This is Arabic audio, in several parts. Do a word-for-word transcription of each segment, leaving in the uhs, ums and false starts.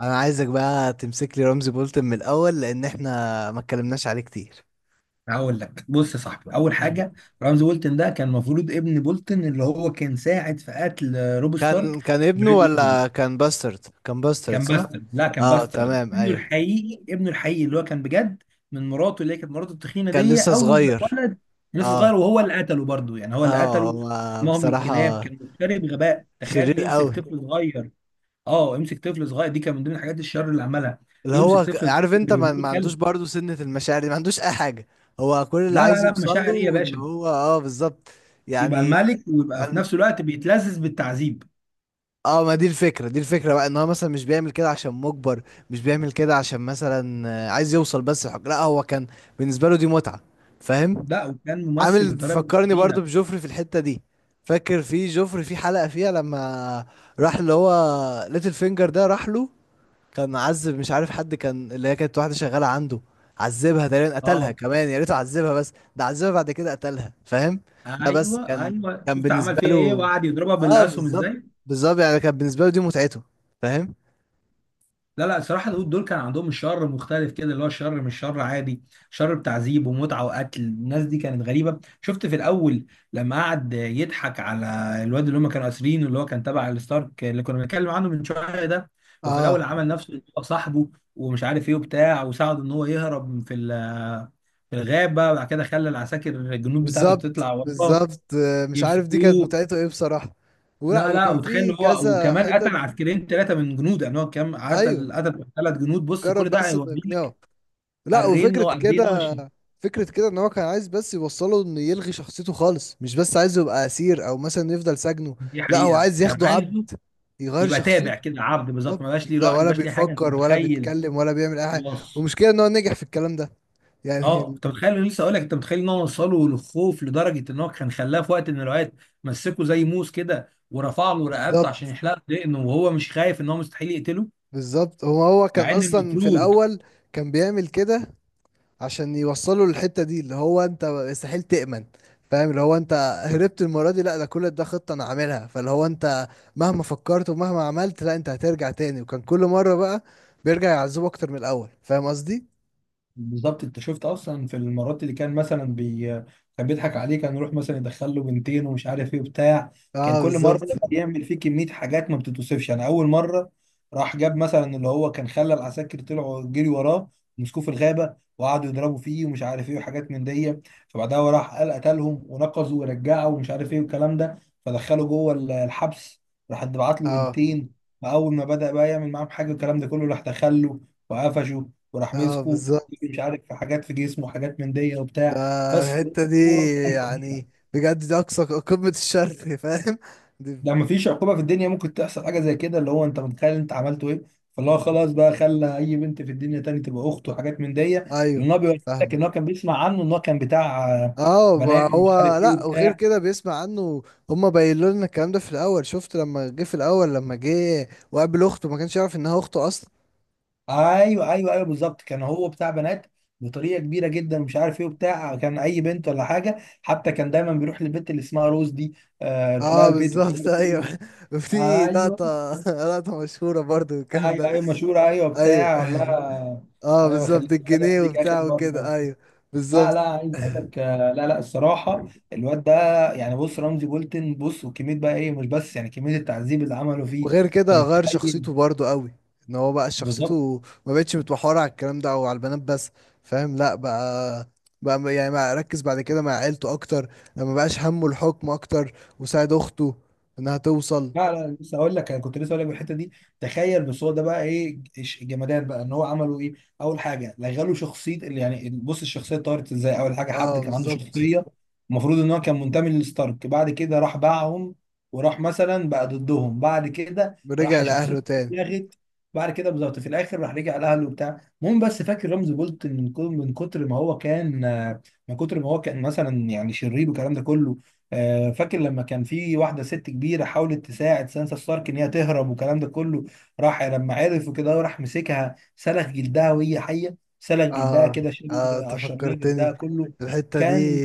انا عايزك بقى تمسك لي رمزي بولتن من الاول، لان احنا ما اتكلمناش عليه كتير. هقول لك بص يا صاحبي، اول مم. حاجه رمز بولتن ده كان المفروض ابن بولتن اللي هو كان ساعد في قتل آه، روب ستارك كان كان ابنه بريد ويدنج. ولا كان باسترد؟ كان باسترد، كان صح. باسترد، لا كان اه، باسترد تمام، ابنه ايوه. الحقيقي، ابنه الحقيقي اللي هو كان بجد من مراته، اللي هي كانت مراته التخينه كان دي. لسه اول ما صغير. اتولد لسه صغير اه. وهو اللي قتله برضه، يعني هو اللي اه، قتله. هو مهم للكلاب، بصراحة كان مفتري بغباء. تخيل شرير يمسك قوي. طفل صغير، اه يمسك طفل صغير، دي كان من ضمن الحاجات الشر اللي عملها. اللي يمسك هو ك- طفل عارف انت صغير ما, ما يرميه كلب. عندوش برضه سنة المشاعر دي، ما عندوش اي حاجة. هو كل اللي لا لا عايز لا، يوصل مشاعر ايه يا له ان باشا؟ هو، اه، بالظبط. يبقى يعني. الملك ويبقى في نفس الوقت بيتلذذ بالتعذيب. اه، ما دي الفكرة، دي الفكرة بقى، ان هو مثلا مش بيعمل كده عشان مجبر، مش بيعمل كده عشان مثلا، آه، عايز يوصل بس الحكم، لا هو كان بالنسبة له دي متعة. فاهم. لا وكان ممثل عامل، بطريقه بنت بيفكرني برضو لذينه. بجوفري في الحتة دي. فاكر في جوفري في حلقة فيها لما راح اللي هو ليتل فينجر ده راح له؟ كان عذب، مش عارف حد كان، اللي هي كانت واحدة شغالة عنده، عذبها تقريبا، قتلها اه كمان. يا ريته عذبها بس، ده عذبها بعد كده قتلها. فاهم. ده بس ايوه كان، ايوه، كان شفت عمل بالنسبة فيها ايه له، وقعد يضربها اه بالاسهم بالظبط. ازاي. بالظبط، يعني كان بالنسبة له دي متعته. فاهم. لا لا، الصراحة دول دول كان عندهم الشر مختلف كده، اللي هو الشر مش شر عادي. شر بتعذيب ومتعة وقتل الناس، دي كانت غريبة. شفت في الأول لما قعد يضحك على الواد اللي هم كانوا أسرينه، اللي هو كان تبع الستارك اللي كنا بنتكلم عنه من شوية ده. وفي الأول اه عمل نفسه إن هو صاحبه ومش عارف إيه وبتاع، وساعده إن هو يهرب في ال- في الغابة، وبعد كده خلى العساكر الجنود بتاعته بالظبط. تطلع وراه بالظبط، آه، مش عارف دي كانت يمسكوه. متعته ايه بصراحة. ولا لا لا، وكان وتخيل في هو كذا وكمان حتة. قتل عسكريين، ثلاثه من جنود. يعني هو كام ايوه. قتل؟ قتل ثلاث جنود. بص كل جرب ده بس انه يقنعه. هيوريك لا، قرين انه وفكرة قد ايه كده، ناشف. فكرة كده ان هو كان عايز بس يوصله انه يلغي شخصيته خالص، مش بس عايزه يبقى اسير او مثلا يفضل سجنه. دي لا هو حقيقه عايز كان ياخده عبد، عايزه يغير يبقى تابع شخصيته. كده، عبد طب بالظبط. ما بقاش ليه ده راي، ما ولا بقاش ليه حاجه، انت بيفكر ولا متخيل؟ بيتكلم ولا بيعمل اي حاجة. وص والمشكلة ان هو نجح في الكلام ده. اه يعني. انت متخيل. أنا لسه اقول لك، انت متخيل ان هو وصله للخوف لدرجه ان هو كان خلاه في وقت من الاوقات مسكه زي موس كده ورفع له رقبته عشان بالظبط. يحلق دقنه، وهو مش خايف ان هو مستحيل يقتله. بالظبط. هو هو كان مع ان اصلا في المفروض الاول كان بيعمل كده عشان يوصلوا للحتة دي، اللي هو انت مستحيل تأمن. فاهم، اللي هو انت هربت المرة دي، لا ده كل ده خطة انا عاملها. فاللي هو انت مهما فكرت ومهما عملت، لا انت هترجع تاني. وكان كل مرة بقى بيرجع يعذبه اكتر من الاول. فاهم قصدي؟ بالظبط. انت شفت اصلا في المرات اللي كان مثلا بي... كان بيضحك عليه. كان يروح مثلا يدخل له بنتين ومش عارف ايه وبتاع. كان اه كل مره بالظبط. يعمل فيه كميه حاجات ما بتتوصفش. يعني اول مره راح جاب مثلا اللي هو كان خلى العساكر طلعوا جري وراه، مسكوه في الغابه وقعدوا يضربوا فيه ومش عارف ايه وحاجات من دي. فبعدها هو راح قال قتلهم ونقزوا ورجعوا ومش عارف ايه والكلام ده، فدخله جوه ال- الحبس. راح بعت له اه. بنتين، فاول ما بدأ بقى يعمل معاهم حاجه الكلام ده كله راح دخله، وقفشه وراح اه مسكه. بالظبط. مش عارف في حاجات في جسمه وحاجات من دي ده وبتاع بس. الحتة دي يعني بجد دي اقصى قمة الشر. فاهم؟ دي. ده ما فيش عقوبه في الدنيا ممكن تحصل حاجه زي كده، اللي هو انت متخيل انت عملته ايه؟ فاللي هو خلاص بقى، خلى اي بنت في الدنيا تاني تبقى اخته وحاجات من دي. ايوه، لان هو بيقول لك فاهمك. ان هو كان بيسمع عنه ان هو كان بتاع آه، اه، بنات ما مش هو، عارف ايه لا وغير وبتاع. كده بيسمع عنه. هما بيقولوا لنا الكلام ده في الاول. شفت لما جه في الاول، لما جه وقابل اخته ما كانش يعرف انها اخته اصلا. ايوه ايوه ايوه بالظبط، كان هو بتاع بنات بطريقه كبيره جدا مش عارف ايه وبتاع. كان اي بنت ولا حاجه. حتى كان دايما بيروح للبنت اللي اسمها روز دي، آه، يروح لها اه البيت بالظبط، وكده. ايوه. في ايوه لقطه، لقطه مشهوره برضو الكلام ايوه ده. ايوه مشهورة، ايوه ايوه. بتاع لا. اه ايوه بالظبط، خليك، اسلم الجنيه عليك اخر وبتاع وكده، مره. ايوه. لا بالظبط. لا، عايز اقول لك آه، لا لا، الصراحه الواد ده، يعني بص رمزي بولتن، بص وكميه بقى ايه، مش بس يعني كميه التعذيب اللي عمله فيه. وغير انت كده غير متخيل شخصيته برضو قوي. ان هو بقى بالظبط. شخصيته ما بقتش متمحورة على الكلام ده او على البنات بس. فاهم، لا بقى، بقى م- يعني بقى ركز بعد كده مع عيلته اكتر. ما بقاش همه الحكم اكتر. وساعد اخته انها توصل. لا لا لسه اقول لك، انا كنت لسه اقول لك بالحته دي. تخيل بس هو ده بقى ايه الش- الجمدان بقى ان هو عملوا ايه. اول حاجه لغلوا شخصيه، اللي يعني بص الشخصيه اتطورت ازاي. اول حاجه حد اه كان عنده بالظبط. شخصيه، المفروض ان هو كان منتمي للستارك، بعد كده راح باعهم وراح مثلا بقى ضدهم. بعد كده رجع راح لاهله شخصيته تاني. اتلغت، بعد كده بالظبط في الاخر راح رجع لاهله وبتاع. المهم بس فاكر رمزي بولت من كل- من كتر ما هو كان آه، من كتر ما هو كان مثلا يعني شرير والكلام ده كله. آه، فاكر لما كان في واحدة ست كبيرة حاولت تساعد سانسا ستارك إن هي تهرب والكلام ده كله، راح لما عرف وكده وراح مسكها سلخ جلدها وهي حية، سلخ جلدها اه. كده شال اه، انت قشر لها فكرتني جلدها كله. الحتة دي. كان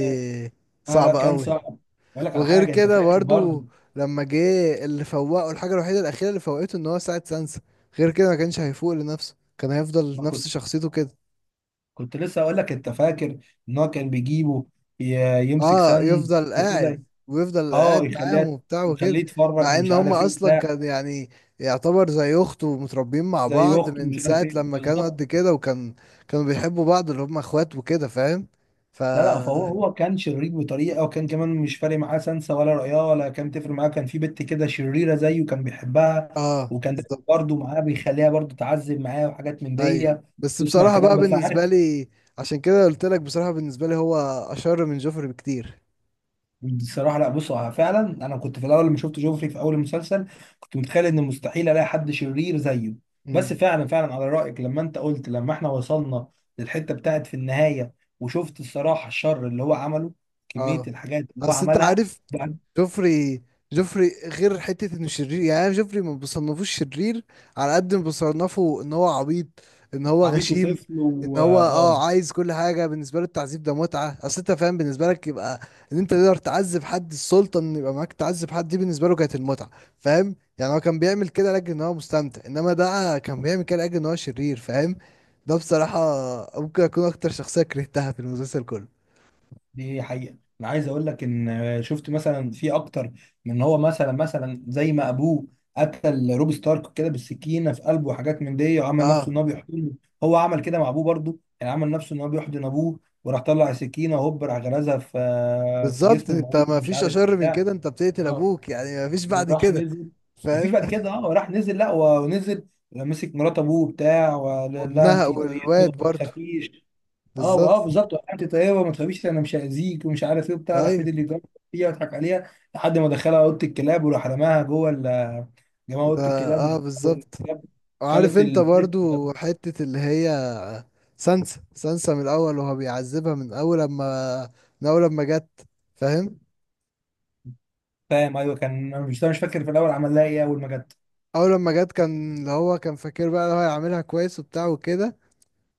آه لا صعبة كان قوي. صعب. أقول لك على وغير حاجة أنت كده فاكر برضه. برضو لما جه، اللي فوقه الحاجة الوحيدة الأخيرة اللي فوقته إن هو ساعد سانسا. غير كده ما كانش هيفوق لنفسه، كان هيفضل ما نفس كنت شخصيته كده. كنت لسه أقول لك أنت فاكر إن هو كان بيجيبه ي- يمسك اه، سن يفضل قاعد، وكده. ويفضل أه قاعد معاهم يخليها، وبتاع يخليه وكده. يتفرج مع ان ومش هم عارف إيه اصلا وبتاع. كان يعني يعتبر زي اخته، ومتربيين مع زي بعض أخته من ومش عارف ساعة إيه لما كانوا قد بالظبط. كده. وكان كانوا بيحبوا بعض اللي هم اخوات وكده. فاهم. ف، لا لا، فهو هو كان شرير بطريقه، وكان كمان مش فارق معاه سنسة ولا رعاه ولا. كان تفرق معاه كان في بنت كده شريره زيه كان بيحبها، اه وكان ده بالظبط. برضه معاه بيخليها برضه تعذب معاه وحاجات من ايوه. دي. بس تسمع بصراحة كلام بقى بس عارف. بالنسبة لي، عشان كده قلت لك بصراحة، بالنسبة لي هو أشر من جوفري بكتير. بصراحه لا، بص هو فعلا. انا كنت في الاول لما شفت جوفري في اول المسلسل كنت متخيل ان مستحيل الاقي حد شرير زيه. بس امم. فعلا فعلا على رايك، لما انت قلت لما احنا وصلنا للحته بتاعت في النهايه، وشفت الصراحه الشر اللي هو عمله، كميه اه، الحاجات اللي هو اصل انت عملها. عارف جوفري، جوفري غير حتة انه شرير، يعني انا جوفري ما بصنفوش شرير على قد ما بصنفه ان هو عبيط، ان هو عبيط غشيم، وطفل ان و اه هو آه، اه عايز كل حاجة. بالنسبة له التعذيب ده متعة. اصل انت فاهم، بالنسبة لك يبقى ان انت تقدر تعذب حد، السلطة ان يبقى معاك تعذب حد، دي بالنسبة له كانت المتعة. فاهم، يعني هو كان بيعمل كده لاجل ان هو مستمتع، انما ده كان بيعمل كده لاجل ان هو شرير. فاهم. ده بصراحة ممكن اكون اكتر شخصية كرهتها في المسلسل كله. دي حقيقة. انا عايز اقول لك ان شفت مثلا في اكتر من ان هو مثلا، مثلا زي ما ابوه قتل روب ستارك كده بالسكينة في قلبه وحاجات من دي وعمل اه نفسه ان هو بيحضنه. هو عمل كده مع ابوه برضه، يعني عمل نفسه ان هو بيحضن ابوه وراح طلع السكينة وهوب راح غرزها في في بالظبط. جسمه وموته انت ما مش فيش عارف اشر من بتاع. كده. انت بتقتل اه ابوك، يعني ما فيش بعد وراح كده. نزل. مفيش فاهم. بعد كده، اه راح نزل، لا ونزل مسك مرات ابوه بتاع، ولا لا انت وابنها طيبه والواد ما برضو. تخافيش. اه اه بالظبط. بالظبط، وقعت طيبه وما تخافيش انا مش هاذيك ومش عارف ايه وبتاع. راح فضل ايوه. اللي يجرب فيها ويضحك عليها لحد ما دخلها اوضه الكلاب، وراح رماها جوه ال- جماعه ده اوضه اه الكلاب، بالظبط. والكلاب وعارف كلت انت الست برضو حتة اللي هي سانسا، سانسا من الاول وهو بيعذبها من اول لما، من اول لما جت. فاهم. فاهم ايوه. كان أنا مش مش فاكر في الاول عمل لها ايه اول ما جت اول لما جت كان، اللي هو كان فاكر بقى اللي هو هيعملها كويس وبتاع وكده.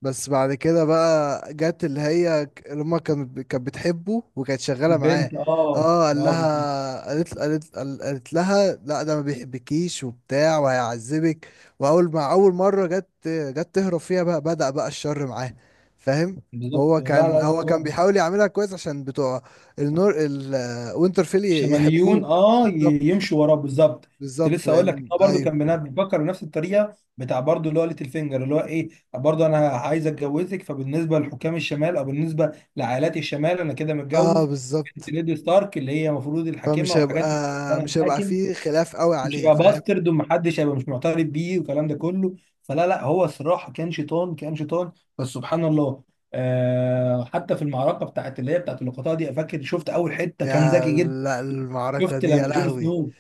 بس بعد كده بقى جت اللي هي ك- اللي هما، كانت كانت بتحبه وكانت شغالة معاه. البنت. اه اه قال لا بالظبط. لها، قالت قالت قال- قالت لها لا ده ما بيحبكيش وبتاع وهيعذبك. واول ما اول مرة جت جت تهرب فيها بقى بدأ بقى الشر معاه. فاهم. بالظبط. وهو لا كان، لا هو كان لا. بيحاول يعملها كويس عشان بتوع النور الوينترفيل شماليون يحبوه. اه ي- بالظبط. يمشوا وراه بالظبط. كنت بالظبط، لسه اقول لك ان لان هو برضه ايوه. كان بنا- بيفكر بنفس الطريقه بتاع برضه، اللي هو ليتل فينجر اللي هو ايه. برضه انا عايز اتجوزك، فبالنسبه لحكام الشمال او بالنسبه لعائلات الشمال انا كده اه متجوز بالظبط. ليدي ستارك، اللي هي المفروض الحاكمه فمش هيبقى، وحاجات من كده، فانا مش هيبقى الحاكم. فيه خلاف قوي مش عليه. هيبقى فاهم. باسترد ومحدش هيبقى مش معترف بيه والكلام ده كله. فلا لا هو الصراحه كان شيطان، كان شيطان. بس سبحان الله، آه حتى في المعركه بتاعت اللي هي بتاعت اللقطات دي. فاكر شفت اول حته كان يا، ذكي جدا؟ لا المعركة شفت دي يا لما جون لهوي. سنو،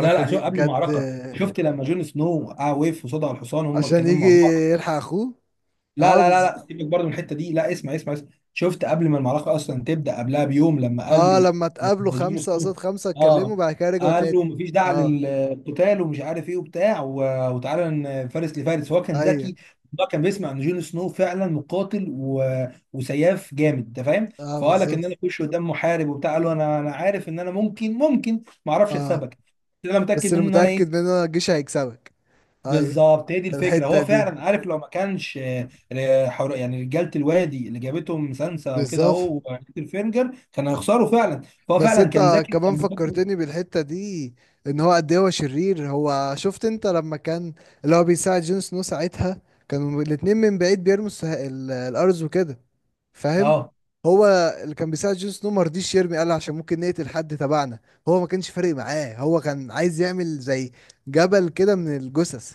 لا لا شو دي قبل بجد. المعركه. شفت لما جون سنو آه وقف قصاد الحصان هم عشان اتكلموا يجي مع بعض. يلحق اخوه. لا اه لا لا بز... لا سيبك برضه من الحته دي، لا اسمع اسمع اسمع. شفت قبل ما المعركه اصلا تبدا، قبلها بيوم لما قال اه له، لما اتقابلوا لما جون خمسة قصاد سنو خمسة، اتكلموا اه بعد كده رجعوا قال تاني. له مفيش داعي اه. للقتال ومش عارف ايه وبتاع، و- وتعالى ن- فارس لفارس. هو كان ايوه. ذكي. هو كان بيسمع ان جون سنو فعلا مقاتل و... وسياف جامد انت فاهم؟ اه فقال لك بالظبط. ان انا اخش قدام محارب وبتاع، قال له انا انا عارف ان انا ممكن ممكن ما اعرفش اه. اكسبك، بس انا متاكد بس اللي منه ان انا متأكد ايه. منه إن الجيش هيكسبك. ايوه بالظبط، هي دي الفكره. هو الحتة دي. فعلا عارف لو ما كانش آه، آه، حر- يعني رجاله الوادي اللي جابتهم سانسا وكده اهو بالظبط. وبيتر فينجر كانوا هيخسروا فعلا. فهو بس فعلا كان انت ذكي كمان كان بيحط. فكرتني بالحتة دي، ان هو قد ايه هو شرير. هو شفت انت لما كان اللي هو بيساعد جون سنو ساعتها، كانوا الاتنين من بعيد بيرموا السه- ال- الارز وكده. فاهم. اه هو اللي كان بيساعد جون سنو ما رضيش يرمي، قال عشان ممكن نقتل حد تبعنا. هو ما كانش فارق معاه، هو كان عايز يعمل زي جبل كده من الجثث.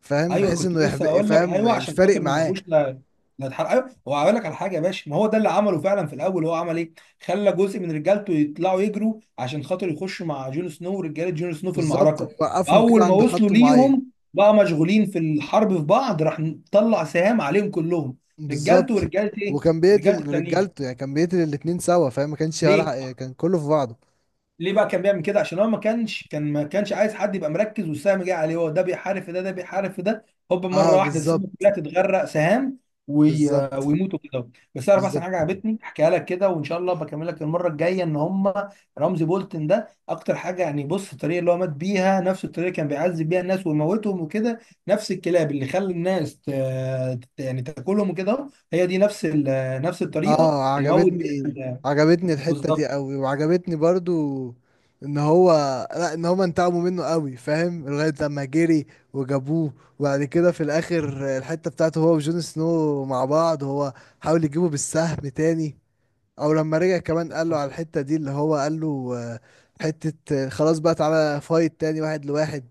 فاهم، ايوه بحيث كنت انه لسه يحب. اقول لك، فاهم، ايوه مش عشان فارق خاطر ما معاه. يعرفوش لا، لا اتحرق. ايوه هو، هقول لك على حاجه يا باشا. ما هو ده اللي عمله فعلا في الاول، هو عمل ايه؟ خلى جزء من رجالته يطلعوا يجروا عشان خاطر يخشوا مع جون سنو ورجاله جون سنو في بالظبط، المعركه. ويوقفهم كده اول ما عند وصلوا خط معين. ليهم بقى مشغولين في الحرب في بعض، راح طلع سهام عليهم كلهم، رجالته بالظبط. ورجاله ايه؟ وكان رجاله بيقتل التانيين. رجالته، يعني كان بيقتل الاتنين سوا. فاهم، ما كانش ليه؟ ولا كان كله في بعضه. ليه بقى كان بيعمل كده؟ عشان هو ما كانش كان ما كانش عايز حد يبقى مركز والسهم جاي عليه. هو ده بيحارب في ده ده بيحارب في ده، هوب اه مره واحده السهم بالظبط. كلها تتغرق سهام وي... بالظبط. ويموتوا كده. بس اعرف احسن بالظبط. حاجه عجبتني احكيها لك كده، وان شاء الله بكمل لك المره الجايه ان هم رمزي بولتن ده اكتر حاجه، يعني بص الطريقه اللي هو مات بيها نفس الطريقه اللي كان بيعذب بيها الناس ويموتهم وكده. نفس الكلاب اللي خلى الناس ت... يعني تاكلهم وكده، هي دي نفس ال... نفس الطريقه اه، اللي موت بيها عجبتني، ال- عجبتني الحتة دي بالظبط. قوي. وعجبتني برضو ان هو، لا ان هم انتقموا منه قوي. فاهم لغاية لما جري وجابوه، وبعد كده في الاخر الحتة بتاعته هو وجون سنو مع بعض. هو حاول يجيبه بالسهم تاني، او لما رجع كمان قال له على الحتة دي اللي هو قال له، آه، حتة، آه، خلاص بقى تعالى فايت تاني واحد لواحد.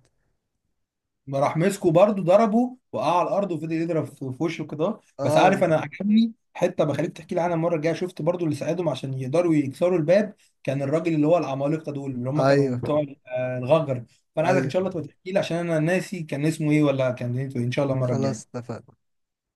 ما راح مسكه برضه ضربه وقع على الارض وفضل يضرب في في وشه كده. بس اه. عارف انا عجبني حته بخليك تحكي لي عنها المره الجايه، شفت برضه اللي ساعدهم عشان يقدروا يكسروا الباب؟ كان الراجل اللي هو العمالقه دول اللي هم كانوا ايوه. بتوع آه، الغجر. فانا عايزك ان ايوه شاء الله تبقى تحكي لي عشان انا ناسي كان اسمه ايه ولا كان دنيته ايه. طيب، ان شاء الله المره خلاص الجايه. اتفقنا.